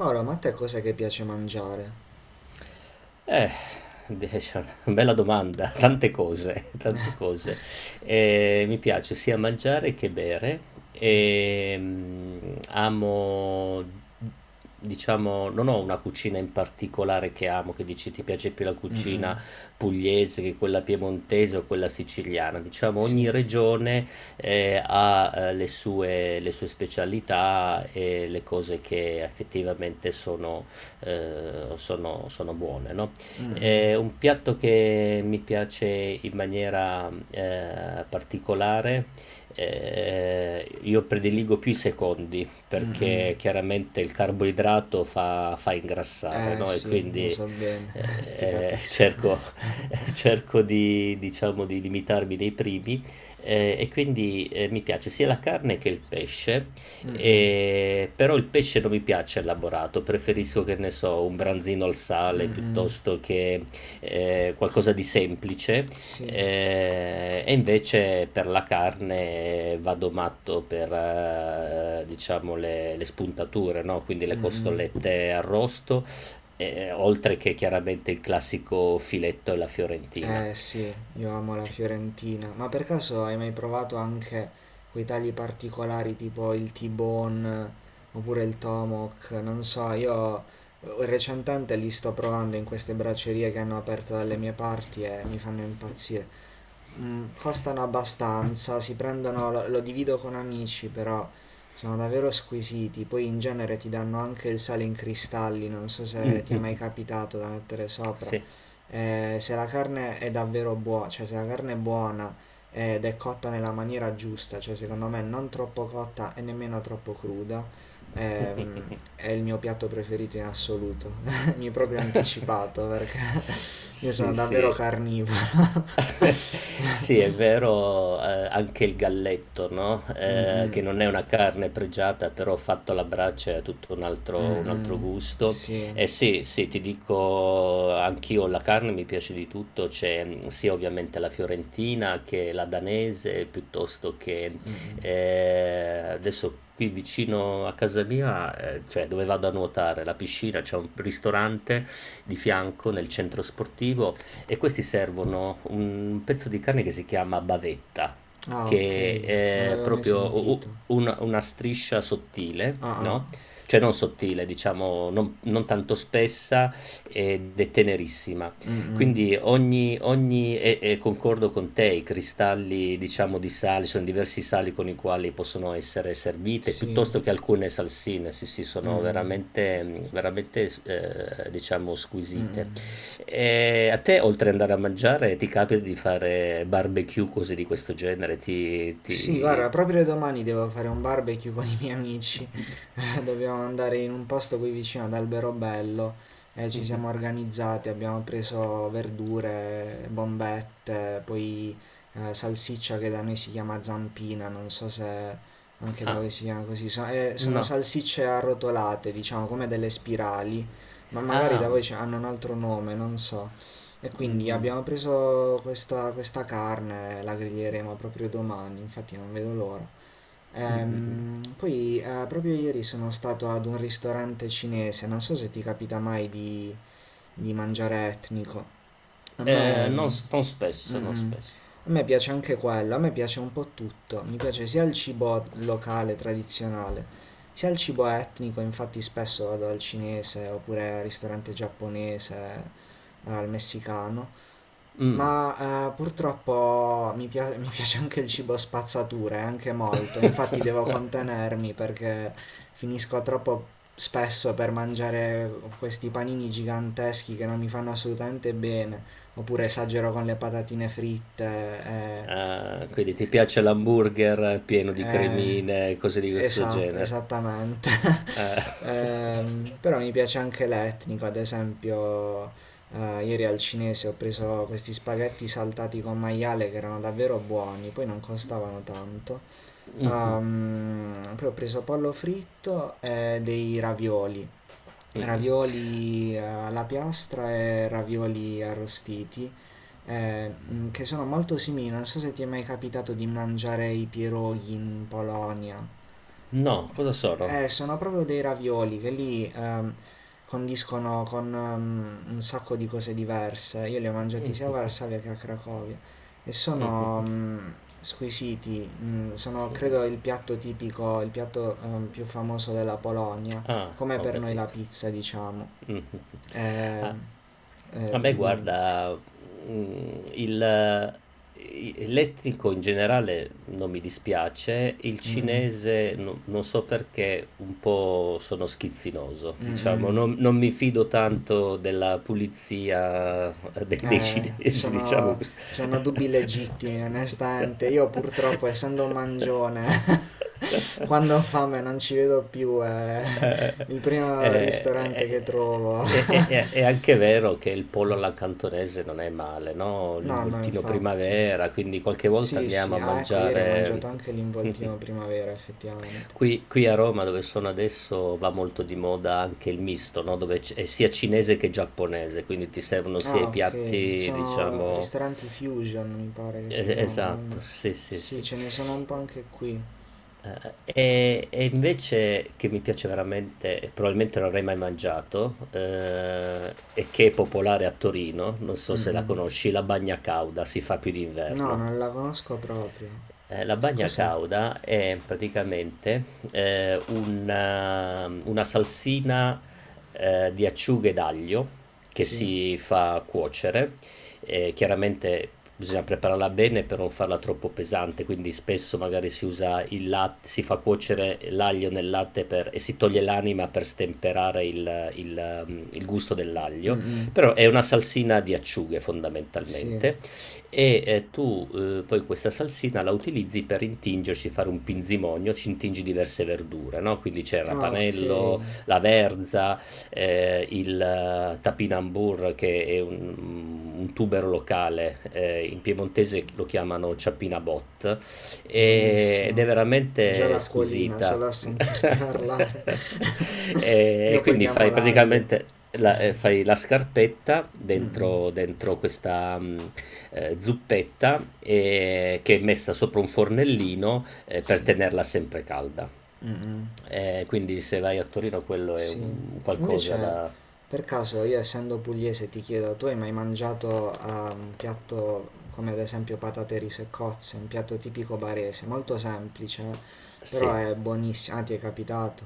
Paolo, ma a te cos'è che piace mangiare? Eh, Adesso è una bella domanda, tante cose, tante cose. Mi piace sia mangiare che bere. Diciamo, non ho una cucina in particolare che amo, che dici ti piace più la Mm-mm. cucina pugliese che quella piemontese o quella siciliana. Diciamo, ogni Sì, regione ha le sue specialità e le cose che effettivamente sono buone, no? È un piatto che mi piace in maniera particolare. Io prediligo più i secondi perché chiaramente il carboidrato fa ingrassare, eh no? E sì, lo quindi so bene, eh, ti eh, capisco. cerco, cerco di, diciamo, di limitarmi nei primi. E quindi mi piace sia la carne che il pesce. Però il pesce non mi piace elaborato, preferisco che ne so, un branzino al sale piuttosto che qualcosa di semplice. Sì, E invece per la carne vado matto per diciamo le spuntature, no? Quindi le costolette arrosto, oltre che chiaramente il classico filetto e la fiorentina. eh sì, io amo la Fiorentina. Ma per caso hai mai provato anche quei tagli particolari tipo il T-bone oppure il Tomahawk? Non so, io recentemente li sto provando in queste braccerie che hanno aperto dalle mie parti e mi fanno impazzire. Mm, costano abbastanza, si prendono, lo, lo divido con amici, però sono davvero squisiti. Poi in genere ti danno anche il sale in cristalli, non so se ti è Mhm. mai capitato da mettere sopra. Sì. Se la carne è davvero buona, cioè se la carne è buona ed è cotta nella maniera giusta, cioè secondo me non troppo cotta e nemmeno troppo cruda, ehm, è il mio piatto preferito in assoluto. Mi hai proprio anticipato perché io sono Sì, davvero sì. carnivoro. Sì, è vero, anche il galletto, no, Mm, che mm. non è una carne pregiata, però fatto alla brace è tutto un altro Mh-mh. gusto. Sì. E sì, sì, ti dico anch'io la carne mi piace di tutto, c'è, mhmm, sia ovviamente la fiorentina che la danese, piuttosto che adesso qui vicino a casa mia, cioè dove vado a nuotare, la piscina, c'è un ristorante di fianco nel centro sportivo e questi servono un pezzo di carne che si chiama bavetta, Ah, che okay. Non è l'avevo mai proprio u- u- sentito. una, una striscia sottile, Ah-ah. no? Cioè non sottile, diciamo, non tanto spessa ed è tenerissima. Mh-mh. Quindi ogni ogni e concordo con te, i cristalli diciamo di sale sono diversi sali con i quali possono essere servite, Sì. piuttosto che alcune salsine, sì, sì, sono veramente mhmm, veramente s diciamo squisite. Mh-mh. S A te oltre ad andare a mangiare, ti capita di fare barbecue, cose di questo genere? Ti Sì, guarda, ti proprio domani devo fare un barbecue con i miei amici. Dobbiamo andare in un posto qui vicino ad Alberobello. E ci mh-mh. siamo organizzati, abbiamo preso verdure, bombette, poi salsiccia che da noi si chiama zampina, non so se anche da Ah, voi si chiama così. Sono no. salsicce arrotolate, diciamo, come delle spirali, ma magari da Ah. voi hanno un altro nome, non so. E quindi Mh. abbiamo preso questa carne, la griglieremo proprio domani, infatti non vedo l'ora. Mh, mh, mh. Poi proprio ieri sono stato ad un ristorante cinese, non so se ti capita mai di, di mangiare etnico. A me, mm, Non spesso, mm, non mm, spesso. a me piace anche quello, a me piace un po' tutto, mi piace sia il cibo locale, tradizionale, sia il cibo etnico, infatti spesso vado al cinese oppure al ristorante giapponese, al messicano. Mh. Ma purtroppo mi piace anche il cibo spazzatura, e anche molto, infatti devo contenermi perché finisco troppo spesso per mangiare questi panini giganteschi che non mi fanno assolutamente bene, oppure esagero con le patatine fritte. Ah, quindi ti piace l'hamburger pieno di eh, cremine, cose di questo Esatto, genere. esattamente. Ah. Però mi piace anche l'etnico, ad esempio, ieri al cinese ho preso questi spaghetti saltati con maiale che erano davvero buoni, poi non costavano tanto. Mhm, Poi ho preso pollo fritto e dei ravioli. mhm. Ravioli alla piastra e ravioli arrostiti, che sono molto simili. Non so se ti è mai capitato di mangiare i pierogi in Polonia. No, cosa sono? Sono proprio dei ravioli che lì condiscono con un sacco di cose diverse. Io li ho mangiati sia a Mhm, Varsavia che a Cracovia e sono mhm, squisiti. Mm, sono, mhm. credo, il piatto tipico, il piatto più famoso della Polonia, Ah, come ho per noi la capito. pizza, diciamo. Mh-mh. Eh, A a me dimmi. guarda, mhmm, il i l'etnico in generale non mi dispiace, il Mm, cinese no non so perché un po' sono schizzinoso, mm, mm, diciamo, mm. Non mi fido tanto della pulizia de dei cinesi, diciamo Sono, cos sono dubbi legittimi, onestamente. Io purtroppo, essendo un mangione, quando ho fame non ci vedo più, è Eh, eh, il primo ristorante eh, che trovo. È anche vero che il pollo alla cantonese non è male, no? No, no, L'involtino infatti. primavera, quindi qualche volta Sì, andiamo sì, a ah, ecco, ieri ho mangiare. mangiato anche l'involtino primavera, effettivamente. Qui, qui a Roma, dove sono adesso, va molto di moda anche il misto, no? Dove è sia cinese che giapponese, quindi ti servono sia Ah, i ok, piatti, sono diciamo. ristoranti fusion, mi pare che si chiamano, no? Esatto, sì, sì, Sì, sì. ce ne sono un po' anche qui. E invece che mi piace veramente, e probabilmente non avrei mai mangiato, e che è popolare a Torino, non so se la Mm-mm. conosci, la bagna cauda si fa più No, d'inverno. non la conosco proprio. La Che bagna cos'è? cauda è praticamente, una salsina, di acciughe d'aglio che Sì? si fa cuocere, chiaramente bisogna prepararla bene per non farla troppo pesante, quindi spesso magari si usa il lat si fa cuocere l'aglio nel latte per e si toglie l'anima per stemperare il gusto dell'aglio, Mm-mm. però è una salsina di acciughe Sì. fondamentalmente, e tu poi questa salsina la utilizzi per intingerci, fare un pinzimonio, ci intingi diverse verdure, no? Quindi c'è il Ah, ok, rapanello, la verza, il tapinambur che è un, mm, un tubero locale, in piemontese lo chiamano ciappina bot, ed è buonissimo. Già veramente l'acquolina squisita. solo a sentirti parlare. E Io poi quindi chiamo fai l'aglio. praticamente fai la scarpetta Mm, dentro, mm, dentro questa, mm, zuppetta, che è messa sopra un fornellino, per sì. tenerla sempre calda. Mm-mm. Quindi se vai a Torino quello è Sì, un qualcosa invece da per caso io essendo pugliese ti chiedo, tu hai mai mangiato ah, un piatto come ad esempio patate, riso e cozze, un piatto tipico barese, molto semplice, però sì. è buonissimo, ah ti è capitato,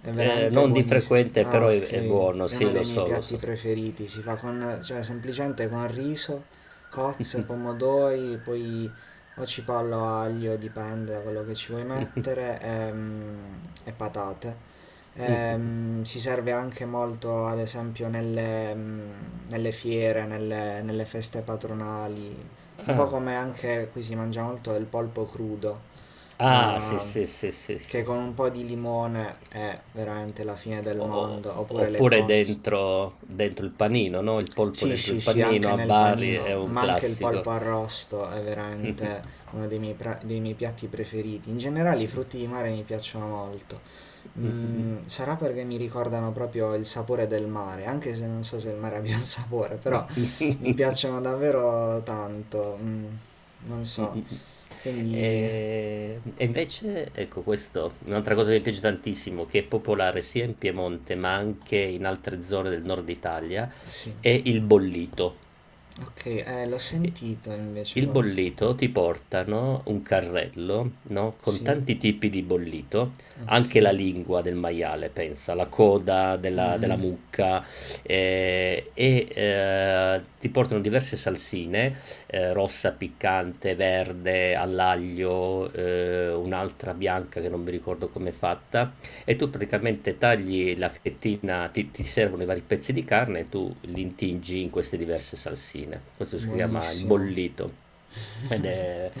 è veramente Non di buonissimo. frequente, Ah però ok, è buono, è uno sì dei lo miei so, lo piatti so. preferiti, si fa con, cioè semplicemente con riso, cozze, pomodori, poi o cipollo, aglio, dipende da quello che ci vuoi mettere, e, e patate. Mh. Si serve anche molto, ad esempio, nelle, nelle fiere, nelle, nelle feste patronali, un po' Ah. come anche qui si mangia molto del polpo crudo, Ah, sì, sì, eh, sì, sì, che sì. con un po' di limone è veramente la fine del O mondo, oppure le oppure cozze. dentro dentro il panino, no, il polpo Sì, dentro il sì, sì, anche panino a nel Bari panino, è un ma anche il classico. polpo arrosto è Mh-mh. veramente uno dei miei, dei miei piatti preferiti. In generale i Mh. frutti di mare mi piacciono molto. Mh, mh, mh. Mm, sarà perché mi ricordano proprio il sapore del mare, anche se non so se il mare abbia un sapore, però mi piacciono davvero tanto. Non so, Mh-mh-mh. quindi E invece, ecco questo è un'altra cosa che mi piace tantissimo, che è popolare sia in Piemonte ma anche in altre zone del nord Italia, sì. è il bollito. Ok, l'ho sentito invece Il questo. bollito ti portano un carrello, no, con Sì, tanti tipi di bollito, ok. anche la lingua del maiale, pensa, la coda Mm, della mm, mucca, e ti portano diverse salsine, rossa, piccante, verde, all'aglio, un'altra bianca che non mi ricordo come è fatta e tu praticamente tagli la fettina, ti servono i vari pezzi di carne e tu li intingi in queste diverse salsine. Questo si chiama il buonissimo. bollito. Ed è...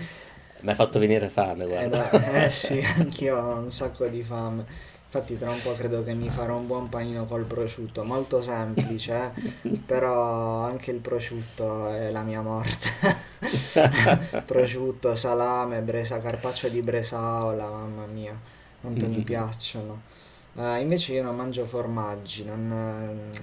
mi ha fatto venire fame, guarda. No, eh sì, anch'io ho un sacco di fame. Infatti tra un po' credo che mi farò un buon panino col prosciutto, molto semplice, però anche il prosciutto è la mia morte. Prosciutto, salame, bresa, carpaccio di bresaola, mamma mia, Mm, quanto mi mm, mm. piacciono. Invece io non mangio formaggi, non,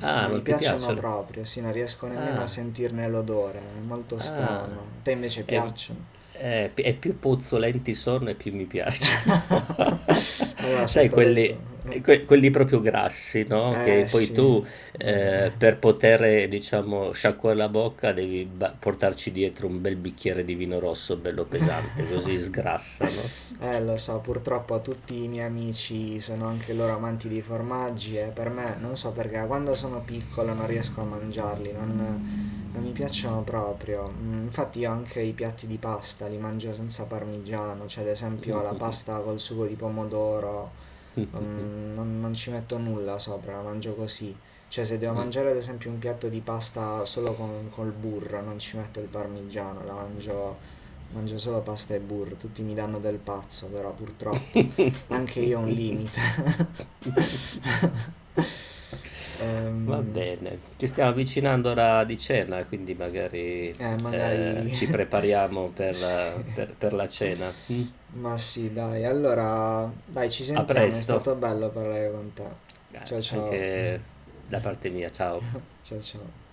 Ah, non mi non ti piacciono piacciono? proprio, sì, non riesco nemmeno a Ah. sentirne l'odore, è molto strano. Ah. A te invece Ehm, piacciono? P e Più puzzolenti sono e più mi piacciono. Allora, Sai sotto questo... quelli Eh quelli proprio grassi, no, che poi sì, tu, vabbè. Per poter, diciamo, sciacquare la bocca devi ba portarci dietro un bel bicchiere di vino rosso bello pesante, così sgrassa, no? Lo so, purtroppo tutti i miei amici sono anche loro amanti di formaggi e per me, non so perché, quando sono piccolo non riesco a mangiarli, non, non mi piacciono proprio. Mm, infatti io anche i piatti di pasta li mangio senza parmigiano, cioè ad esempio la Mh-mh-mh. pasta col sugo di pomodoro Mh-mh-mh. non, non ci metto nulla sopra, la mangio così. Cioè, se devo Mh. mangiare ad esempio un piatto di pasta solo con, col burro, non ci metto il parmigiano, la mangio, mangio solo pasta e burro. Tutti mi danno del pazzo, però purtroppo anche io ho un limite. Va Ehm, bene, ci stiamo avvicinando all'ora di cena, quindi magari, magari ci prepariamo sì, per la cena, mh? ma sì, dai. Allora, dai, ci A sentiamo, è presto, stato bello parlare con te. a Ciao ciao, anche da parte mia, ciao. ciao ciao.